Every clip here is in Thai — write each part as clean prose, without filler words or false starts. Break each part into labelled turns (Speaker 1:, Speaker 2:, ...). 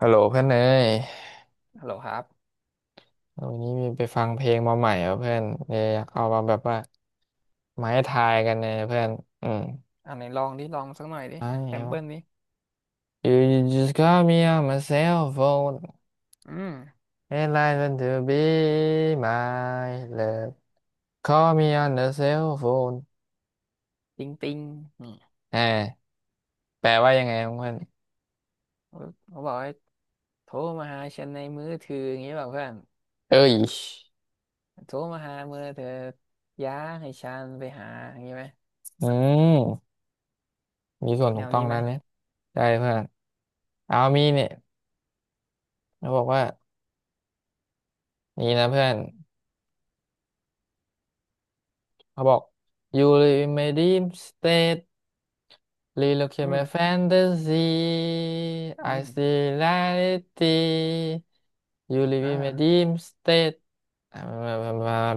Speaker 1: ฮัลโหลเพื่อนเอ้ย
Speaker 2: ฮัลโหลครับ
Speaker 1: วันนี้มีไปฟังเพลงมาใหม่เหรอเพื่อนเลยอยากเอามาแบบว่ามาให้ทายกันเนี่ยเพื่อนอืม
Speaker 2: อันไหนลองดิลองสักหน่อยดิ
Speaker 1: ไม่
Speaker 2: แซม
Speaker 1: เอา
Speaker 2: เปิลดิ
Speaker 1: You you just call me on my cell phone
Speaker 2: อืม
Speaker 1: and I want to be my love Call me on the cell phone
Speaker 2: ติงติงนี่
Speaker 1: อ่าแปลว่ายังไงครับเพื่อน
Speaker 2: เขาเขาบอกให้โทรมาหาฉันในมือถืออย่างนี้แบบเพื่อน
Speaker 1: เอ้ย
Speaker 2: โทรมาหามือเธอย้าให้ฉันไปหาอย่างนี้ไหม
Speaker 1: อืมมีส่วน
Speaker 2: แน
Speaker 1: ถูก
Speaker 2: ว
Speaker 1: ต้อง
Speaker 2: นี้ไห
Speaker 1: แล้
Speaker 2: ม
Speaker 1: วเนี่ยได้เพื่อนเอามีเนี่ยเขาบอกว่านี่นะเพื่อนเขาบอก You live in my dream state Relook
Speaker 2: อื
Speaker 1: at my
Speaker 2: ม
Speaker 1: fantasy.
Speaker 2: อื
Speaker 1: I
Speaker 2: ม
Speaker 1: see reality. You live
Speaker 2: อ่า
Speaker 1: in my dream state อ่ะ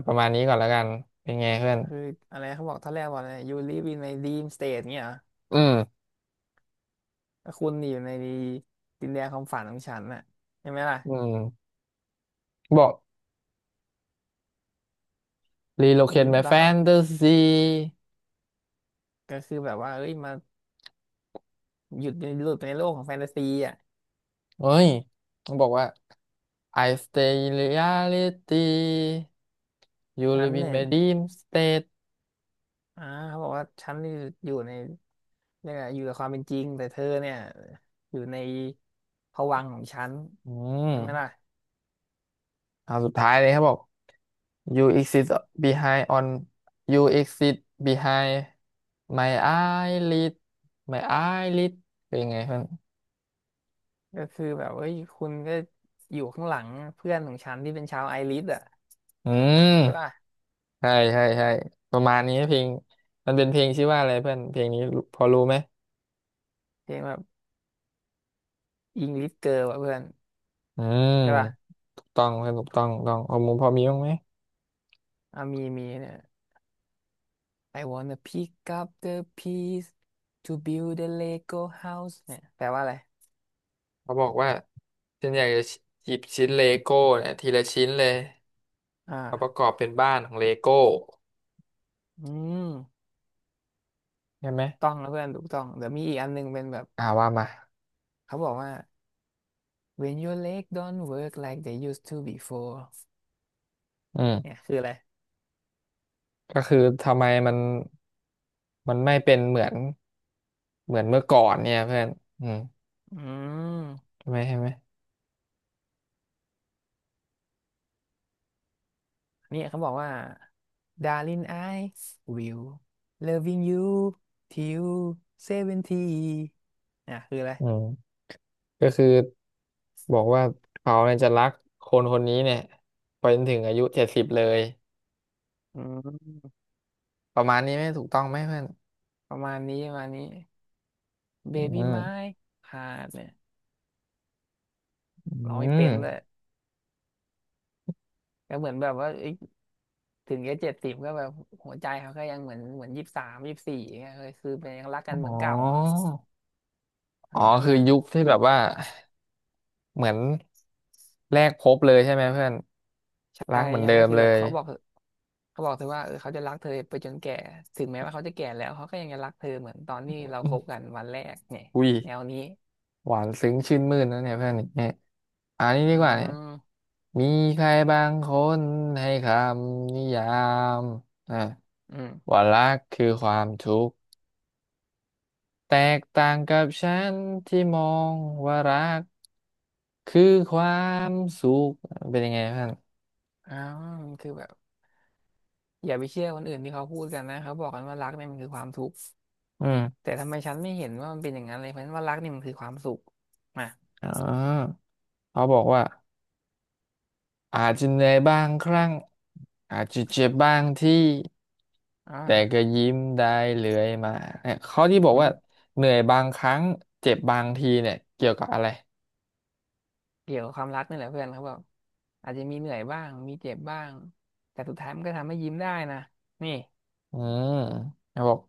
Speaker 1: ประมาณนี้ก่อนแล้วกันเป็นไงเพื่อน
Speaker 2: คืออะไรเขาบอกท่าแรกว่าอะไร you live in my dream state เงี้ยเหรอ
Speaker 1: อืม
Speaker 2: ก็คุณอยู่ในดินแดนความฝันของฉันน่ะใช่ไหมล่ะ
Speaker 1: อืมบอก
Speaker 2: มี
Speaker 1: relocate my
Speaker 2: แล้วก็
Speaker 1: fantasy
Speaker 2: ก็คือแบบว่าเอ้ยมาหยุดใหลุดไปในโลกของแฟนตาซีอ่ะ
Speaker 1: เฮ้ยต้องบอกว่า I stay in reality You
Speaker 2: ฉัน
Speaker 1: live in
Speaker 2: เนี่ย
Speaker 1: my dream state
Speaker 2: อ่าเขาบอกว่าฉันอยู่อยู่ในเรียกอะไรอยู่กับความเป็นจริงแต่เธอเนี่ยอยู่ในภวังค์ของฉัน
Speaker 1: อืม
Speaker 2: ใช่ไหมล่ะ
Speaker 1: เอาสุดท้ายเลยครับบอก You exist behind on you exist behind my eyelid my eyelid เป็นไงเพื่อน
Speaker 2: ก็คือแบบเอ้ยคุณก็อยู่ข้างหลังเพื่อนของฉันที่เป็นชาวไอริสอ่ะ
Speaker 1: อื
Speaker 2: ใช่
Speaker 1: ม
Speaker 2: ป่ะ
Speaker 1: ใช่ใช่ใช่ประมาณนี้เพลงมันเป็นเพลงชื่อว่าอะไรเพื่อน เพลงนี้รู้พอรู้ไหม
Speaker 2: เพลงแบบอิงลิสเกิร์ลอ่ะเพื่อน
Speaker 1: อืม
Speaker 2: ใช่ป่ะ
Speaker 1: ถูกต้องเพื่อนถูกต้องถูกต้องเอามุมพอมีบ้างไหม
Speaker 2: อ่ะมีเนี่ย I wanna pick up the piece to build a Lego house เนี่ยแปลว่าอะไร
Speaker 1: เขาบอกว่าฉันอยากจะหยิบชิ้นเลโก้เนี่ยทีละชิ้นเลยมาประ
Speaker 2: อ่า
Speaker 1: กอบเป็นบ้านของเลโก้
Speaker 2: อืม
Speaker 1: ใช่ไหม
Speaker 2: ต้องนะเพื่อนถูกต้องเดี๋ยวมีอีกอันหนึงเป็นแบบ
Speaker 1: อ่าว่ามา
Speaker 2: เขาบอกว่า When your leg don't work like they used to before
Speaker 1: อื
Speaker 2: เนี่ย
Speaker 1: ม
Speaker 2: คืออะไร
Speaker 1: ก็คือทำไมมันไม่เป็นเหมือนเมื่อก่อนเนี่ยเพื่อนอืม
Speaker 2: อืม
Speaker 1: ใช่ไหมใช่ไหม
Speaker 2: เนี่ยเขาบอกว่า Darling I will loving you till seventy เนี่ยคืออะไร
Speaker 1: อืมก็คือบอกว่าเขาเนี่ยจะรักคนคนนี้เนี่ยไปจนถึงอายุเจ็ดสิบเลย
Speaker 2: อืม
Speaker 1: ประมาณนี้ไหมถูกต้องไหมเพื่อน
Speaker 2: ประมาณนี้ประมาณนี้
Speaker 1: อื
Speaker 2: Baby
Speaker 1: ม
Speaker 2: my heart เนี่ย
Speaker 1: อื
Speaker 2: ร้องไม่
Speaker 1: ม
Speaker 2: เป็นเลยก็เหมือนแบบว่าเอ้ยถึงแค่70ก็แบบหัวใจเขาก็ยังเหมือน2324เงี้ยเลยคือเป็นยังรักกันเห
Speaker 1: อ๋
Speaker 2: มื
Speaker 1: อ
Speaker 2: อนเก่าอ่ะอ
Speaker 1: อ๋อ
Speaker 2: ย่างนั้น
Speaker 1: คือ
Speaker 2: อ่ะ
Speaker 1: ยุคที่แบบว่าเหมือนแรกพบเลยใช่ไหมเพื่อน
Speaker 2: ใช่
Speaker 1: รักเหมือน
Speaker 2: ใช่
Speaker 1: เดิ
Speaker 2: ก็
Speaker 1: ม
Speaker 2: คือ
Speaker 1: เล
Speaker 2: แบบ
Speaker 1: ย
Speaker 2: เขาบอกเธอว่าเออเขาจะรักเธอไปจนแก่ถึงแม้ว่าเขาจะแก่แล้วเขาก็ยังจะรักเธอเหมือนตอนที่เรา
Speaker 1: อื
Speaker 2: ค
Speaker 1: ม
Speaker 2: บกันวันแรกเนี่ย
Speaker 1: อุ้ย
Speaker 2: แนวนี้
Speaker 1: หวานซึ้งชื่นมื่นนะเนี่ยเพื่อนเนี่ยอันนี้
Speaker 2: อ๋
Speaker 1: ดีกว่าเนี่ย
Speaker 2: อ
Speaker 1: มีใครบางคนให้คำนิยามอ่ะ
Speaker 2: อืม
Speaker 1: ว่ารักคือความทุกข์แตกต่างกับฉันที่มองว่ารักคือความสุขเป็นยังไงท่าน
Speaker 2: อ๋อคือแบบอย่าไปเชื่อคนอื่นที่เขาพูดกันนะเขาบอกกันว่ารักเนี่ยมันคือความทุกข์
Speaker 1: อืม
Speaker 2: แต่ทำไมฉันไม่เห็นว่ามันเป็นอย่างนั้นเลยเพราะฉะนั้นว่ารักเนี่ยมันคือความสุขมา
Speaker 1: อ๋อเขาบอกว่าอาจจะเหนื่อยบางครั้งอาจจะเจ็บบางที่
Speaker 2: อ่า
Speaker 1: แต่ก็ยิ้มได้เรื่อยมาเนี่ยเขาที่บอก
Speaker 2: อื
Speaker 1: ว่า
Speaker 2: ม
Speaker 1: เหนื่อยบางครั้งเจ็บบางทีเนี่ยเกี่ยวกับอะไร
Speaker 2: เกี่ยวกับความรักนี่แหละเพื่อนเขาบอกอาจจะมีเหนื่อยบ้างมีเจ็บบ้างแต่สุดท้ายมันก็ทำให้ยิ้มได้นะนี่
Speaker 1: อืมเขาบอก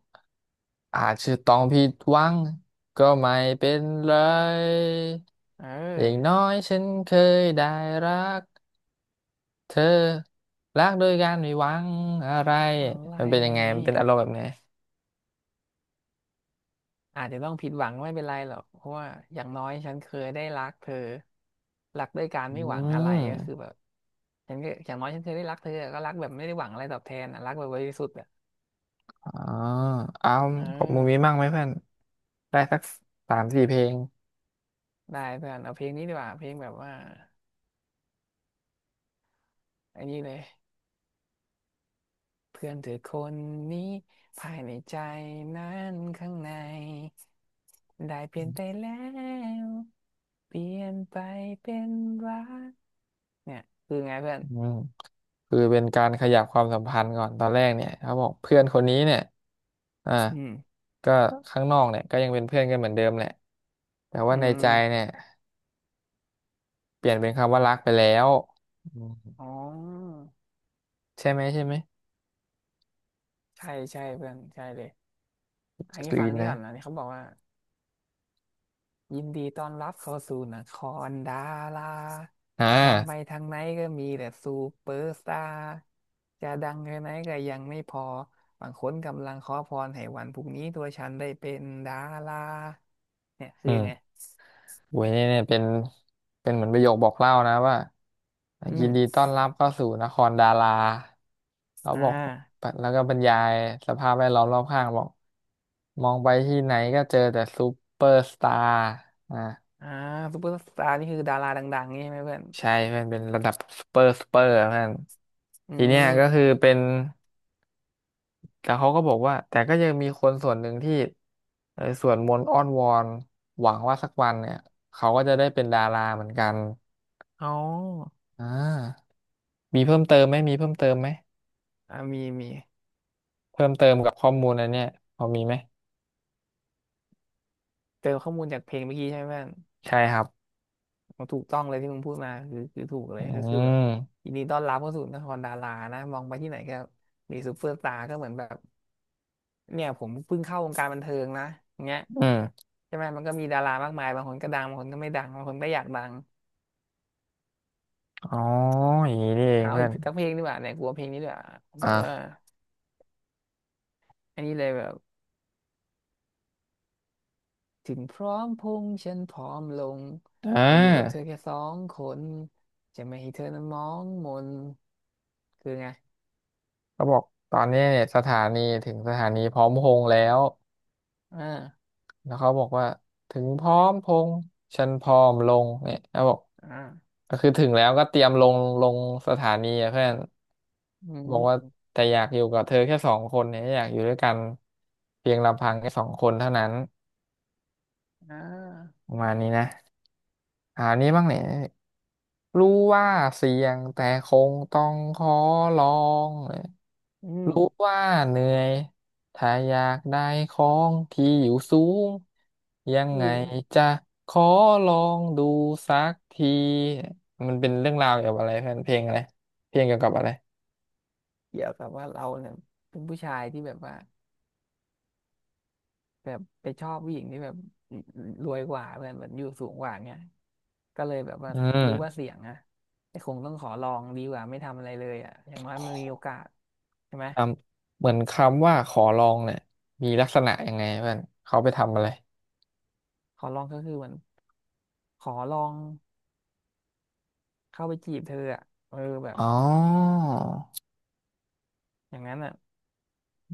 Speaker 1: อาจจะต้องผิดหวังก็ไม่เป็นไร
Speaker 2: เ
Speaker 1: อย่าง
Speaker 2: ออ
Speaker 1: น้อยฉันเคยได้รักเธอรักโดยการไม่หวังอะไร
Speaker 2: อะไร
Speaker 1: มันเป็นยังไงมัน
Speaker 2: นี่
Speaker 1: เป็นอารมณ์แบบไหน
Speaker 2: อาจจะต้องผิดหวังไม่เป็นไรหรอกเพราะว่าอย่างน้อยฉันเคยได้รักเธอรักด้วยการ
Speaker 1: อื
Speaker 2: ไม่หวังอะไรก็คือแบ
Speaker 1: ม
Speaker 2: บฉันก็อย่างน้อยฉันเคยได้รักเธอก็รักแบบไม่ได้หวังอะไรตอบแทนอะรักแบบบริสุทธิ์อะ
Speaker 1: อ๋อเอา
Speaker 2: เอ
Speaker 1: ของมึ
Speaker 2: อ
Speaker 1: งมีมั่งไหมเพื่อนได้สักสามสี่เพลง
Speaker 2: ได้เพื่อนเอาเพลงนี้ดีกว่าเพลงแบบว่าอันนี้เลยเพื่อนเธอคนนี้ภายในใจนั้นข้างในได้เปลี่ยนไปแล้วเปลี่ยนไปเป็นรักเนี่ยคือไงเพื่อน
Speaker 1: อืมคือเป็นการขยับความสัมพันธ์ก่อนตอนแรกเนี่ยเขาบอกเพื่อนคนนี้เนี่ยอ่า
Speaker 2: อืม
Speaker 1: ก็ข้างนอกเนี่ยก็ยังเป็นเพื่อนกันเหมือนเดิมแหละแต่
Speaker 2: อื
Speaker 1: ว่าในใจ
Speaker 2: ม
Speaker 1: เนี่ย เปลี่ยนเป็นคำว่ารักไปแล้วอืม
Speaker 2: อ๋อ
Speaker 1: ใช่ไหมใช่ไหม
Speaker 2: ใช่ใช่เพื่อนใช่เลยอัน
Speaker 1: ก
Speaker 2: นี้
Speaker 1: รี
Speaker 2: ฟัง
Speaker 1: น
Speaker 2: นี่
Speaker 1: นะ
Speaker 2: ก่อนนะนี่เขาบอกว่ายินดีต้อนรับเข้าสู่นครดารา
Speaker 1: อ่
Speaker 2: มองไป
Speaker 1: า
Speaker 2: ทางไหนก็มีแต่ซูเปอร์สตาร์จะดังแค่ไหนก็ยังไม่พอบางคนกำลังขอพรให้วันพรุ่งนี้ตัวฉันได้เป็นดาราเนี่ยคื
Speaker 1: อื
Speaker 2: อยังไง
Speaker 1: มโอ้ยเนี่ยเป็นเหมือนประโยคบอกเล่านะว่า
Speaker 2: อื
Speaker 1: ยินดี
Speaker 2: ม
Speaker 1: ต้อนรับเข้าสู่นครดาราเขา
Speaker 2: อ่
Speaker 1: บอก
Speaker 2: า
Speaker 1: แล้วก็บรรยายสภาพแวดล้อมรอบข้างบอกมองไปที่ไหนก็เจอแต่ซูเปอร์สตาร์อ่า
Speaker 2: อ่าซูเปอร์สตาร์นี่คือดาราดังๆนี่ใช่ไหมเพื่อน
Speaker 1: ใช่เพื่อนเป็นระดับซูเปอร์ซูเปอร์เพื่อน
Speaker 2: อื
Speaker 1: ทีเนี้ยก็
Speaker 2: ม
Speaker 1: คือเป็น แต่เขาก็บอกว่าแต่ก็ยังมีคนส่วนหนึ่งที่เออสวดมนต์อ้อนวอนหวังว่าสักวันเนี่ยเขาก็จะได้เป็นดาราเหมือนกัน
Speaker 2: อ๋อ
Speaker 1: อ่ามีเพิ่มเติมไหมมีเพิ่มเติมไหม
Speaker 2: อ่ามี
Speaker 1: เพิ่มเติมกับข้อมูลอันเนี้ยพอมีไหม
Speaker 2: เจอข้อมูลจากเพลงเมื่อกี้ใช่ไหมเพื่อน
Speaker 1: ใช่ครับ
Speaker 2: ถูกต้องเลยที่มึงพูดมาคือถูกเล
Speaker 1: อื
Speaker 2: ยก็คือแบบ
Speaker 1: ม
Speaker 2: ยินดีต้อนรับเข้าสู่นครดารานะมองไปที่ไหนก็มีซูเปอร์สตาร์ก็เหมือนแบบ เนี่ยผมเพิ่งเข้าวงการบันเทิงนะอย่างเงี้ย
Speaker 1: อืม
Speaker 2: ใช่ไหมมันก็มีดารามากมายบางคนก็ดัง บางคนก็ไม่ดังบางคนก็อยากดัง
Speaker 1: อ๋ออย่างนี้นี่เอง
Speaker 2: เอา
Speaker 1: เพื่อ
Speaker 2: อีก
Speaker 1: น
Speaker 2: สักเพลงดีกว่าเนี่ยกลัวเพลงนี้ดีกว่าแบบ
Speaker 1: อ่ะ
Speaker 2: ว่า อันนี้เลยแบบถึงพร้อมพงษ์ฉันพร้อมลง
Speaker 1: อ่
Speaker 2: แต่อยู่กับเธ
Speaker 1: า
Speaker 2: อแค่สองคนจะไม่ให้เธอนั้นมองมนคือไง
Speaker 1: เขาบอกตอนนี้เนี่ยสถานีถึงสถานีพร้อมพงษ์แล้ว
Speaker 2: อ่า
Speaker 1: แล้วเขาบอกว่าถึงพร้อมพงษ์ฉันพร้อมลงเนี่ยเขาบอก
Speaker 2: อ่า
Speaker 1: ก็คือถึงแล้วก็เตรียมลงสถานีอะเพื่อน
Speaker 2: อื
Speaker 1: บอกว่า
Speaker 2: ม
Speaker 1: แต่อยากอยู่กับเธอแค่สองคนเนี่ยอยากอยู่ด้วยกันเพียงลำพังแค่สองคนเท่านั้น
Speaker 2: อ่า
Speaker 1: ประมาณนี้นะ อ่านี้บ้างเนี่ยรู้ว่าเสี่ยงแต่คงต้องขอลอง
Speaker 2: อืม
Speaker 1: รู้ว่าเหนื่อยถ้าอยากได้ของที่อยู่สูงยัง
Speaker 2: อื
Speaker 1: ไง
Speaker 2: ม
Speaker 1: จะขอลองดูสักทีมันเป็นเรื่องราวเกี่ยวกับอะไรเพื่อนเพลงอะไรเพลงเกี่ยวกับอะไร
Speaker 2: เกี่ยวกับว่าเราเนี่ยเป็นผู้ชายที่แบบว่าแบบไปชอบผู้หญิงที่แบบรวยกว่าเพื่อนแบบอยู่สูงกว่าเงี้ยก็เลยแบบว่า
Speaker 1: อื
Speaker 2: รู้ว่า
Speaker 1: ม
Speaker 2: เสี่ยงอะไอ้คงต้องขอลองดีกว่าไม่ทำอะไรเลยอะอย่างน้อยมันมีโอกาสใช่ไหม
Speaker 1: คำเหมือนคำว่าขอลองเนี่ยมีลักษณะยังไงเพื่อนเขาไปทำอะไร
Speaker 2: ขอลองก็คือเหมือนขอลองเข้าไปจีบเธออะเออแบบ
Speaker 1: อ๋อ
Speaker 2: อย่างนั้นอะ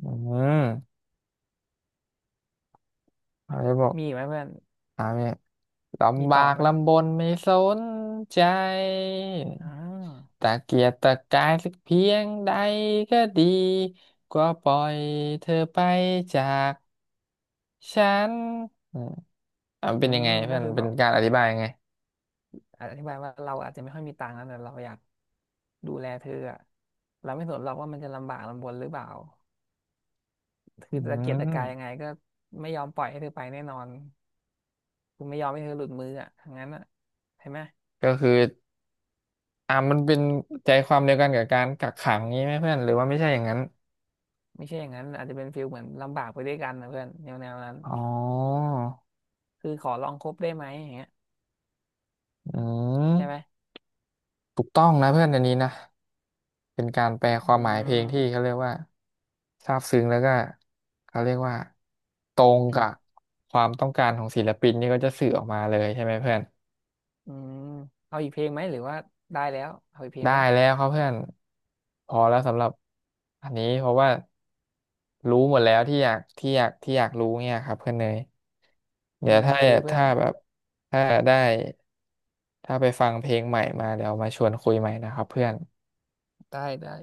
Speaker 1: อืมเขาจะบอก
Speaker 2: มีอีกไหมเพื่อน
Speaker 1: อ่าเนี่ย
Speaker 2: มี
Speaker 1: ลำบา
Speaker 2: ต่อ
Speaker 1: ก
Speaker 2: ไหม
Speaker 1: ลำบนไม่สนใจ
Speaker 2: อ่า
Speaker 1: ตะเกียกตะกายสักเพียงใดก็ดีก็ปล่อยเธอไปจากฉันอืมอ่ะมั
Speaker 2: อื
Speaker 1: นเป็นยัง
Speaker 2: ม
Speaker 1: ไง
Speaker 2: ก็
Speaker 1: เพื่อน
Speaker 2: คือ
Speaker 1: เป็
Speaker 2: แบ
Speaker 1: น
Speaker 2: บ
Speaker 1: การอธิบายยังไง
Speaker 2: อธิบายว่าเราอาจจะไม่ค่อยมีตังค์นะแต่เราอยากดูแลเธออะเราไม่สนหรอกว่ามันจะลำบากลำบนหรือเปล่า
Speaker 1: อื
Speaker 2: คือตะเกียกตะกายยังไง
Speaker 1: ม
Speaker 2: ก็ไม่ยอมปล่อยให้เธอไปแน่นอนคือไม่ยอมให้เธอหลุดมืออ่ะทั้งนั้นอ่ะใช่ไหม
Speaker 1: ก็คือมันเป็นใจความเดียวกันกับการกักขังนี้ไหมเพื่อนหรือว่าไม่ใช่อย่างนั้น
Speaker 2: ไม่ใช่อย่างนั้นอาจจะเป็นฟีลเหมือนลำบากไปด้วยกันนะเพื่อนแนวนั้น
Speaker 1: อ๋อ
Speaker 2: คือขอลองคบได้ไหมอย่างเงี้ย
Speaker 1: อื
Speaker 2: ใช่ไหม
Speaker 1: มถูกต้องนะเพื่อนอันนี้นะ เป็นการแปลความ
Speaker 2: อื
Speaker 1: หมายเพลงที่
Speaker 2: ม
Speaker 1: เขาเรียกว่าซาบซึ้งแล้วก็เขาเรียกว่าตรง
Speaker 2: อื
Speaker 1: กั
Speaker 2: ม
Speaker 1: บความต้องการของศิลปินนี่ก็จะสื่อออกมาเลยใช่ไหมเพื่อน
Speaker 2: อืมเอาอีกเพลงไหมหรือว่าได้แล้วเอาอีกเพลง
Speaker 1: ได้
Speaker 2: ไหม
Speaker 1: แล้วครับเพื่อนพอแล้วสำหรับอันนี้เพราะว่ารู้หมดแล้วที่อยากรู้เนี่ยครับเพื่อนเนย
Speaker 2: อื
Speaker 1: เดี๋ยว
Speaker 2: มโอ
Speaker 1: ถ้า
Speaker 2: เคเพื่อน
Speaker 1: ถ้าแบบถ้าได้ถ้าไปฟังเพลงใหม่มาเดี๋ยวมาชวนคุยใหม่นะครับเพื่อน
Speaker 2: ได้ได้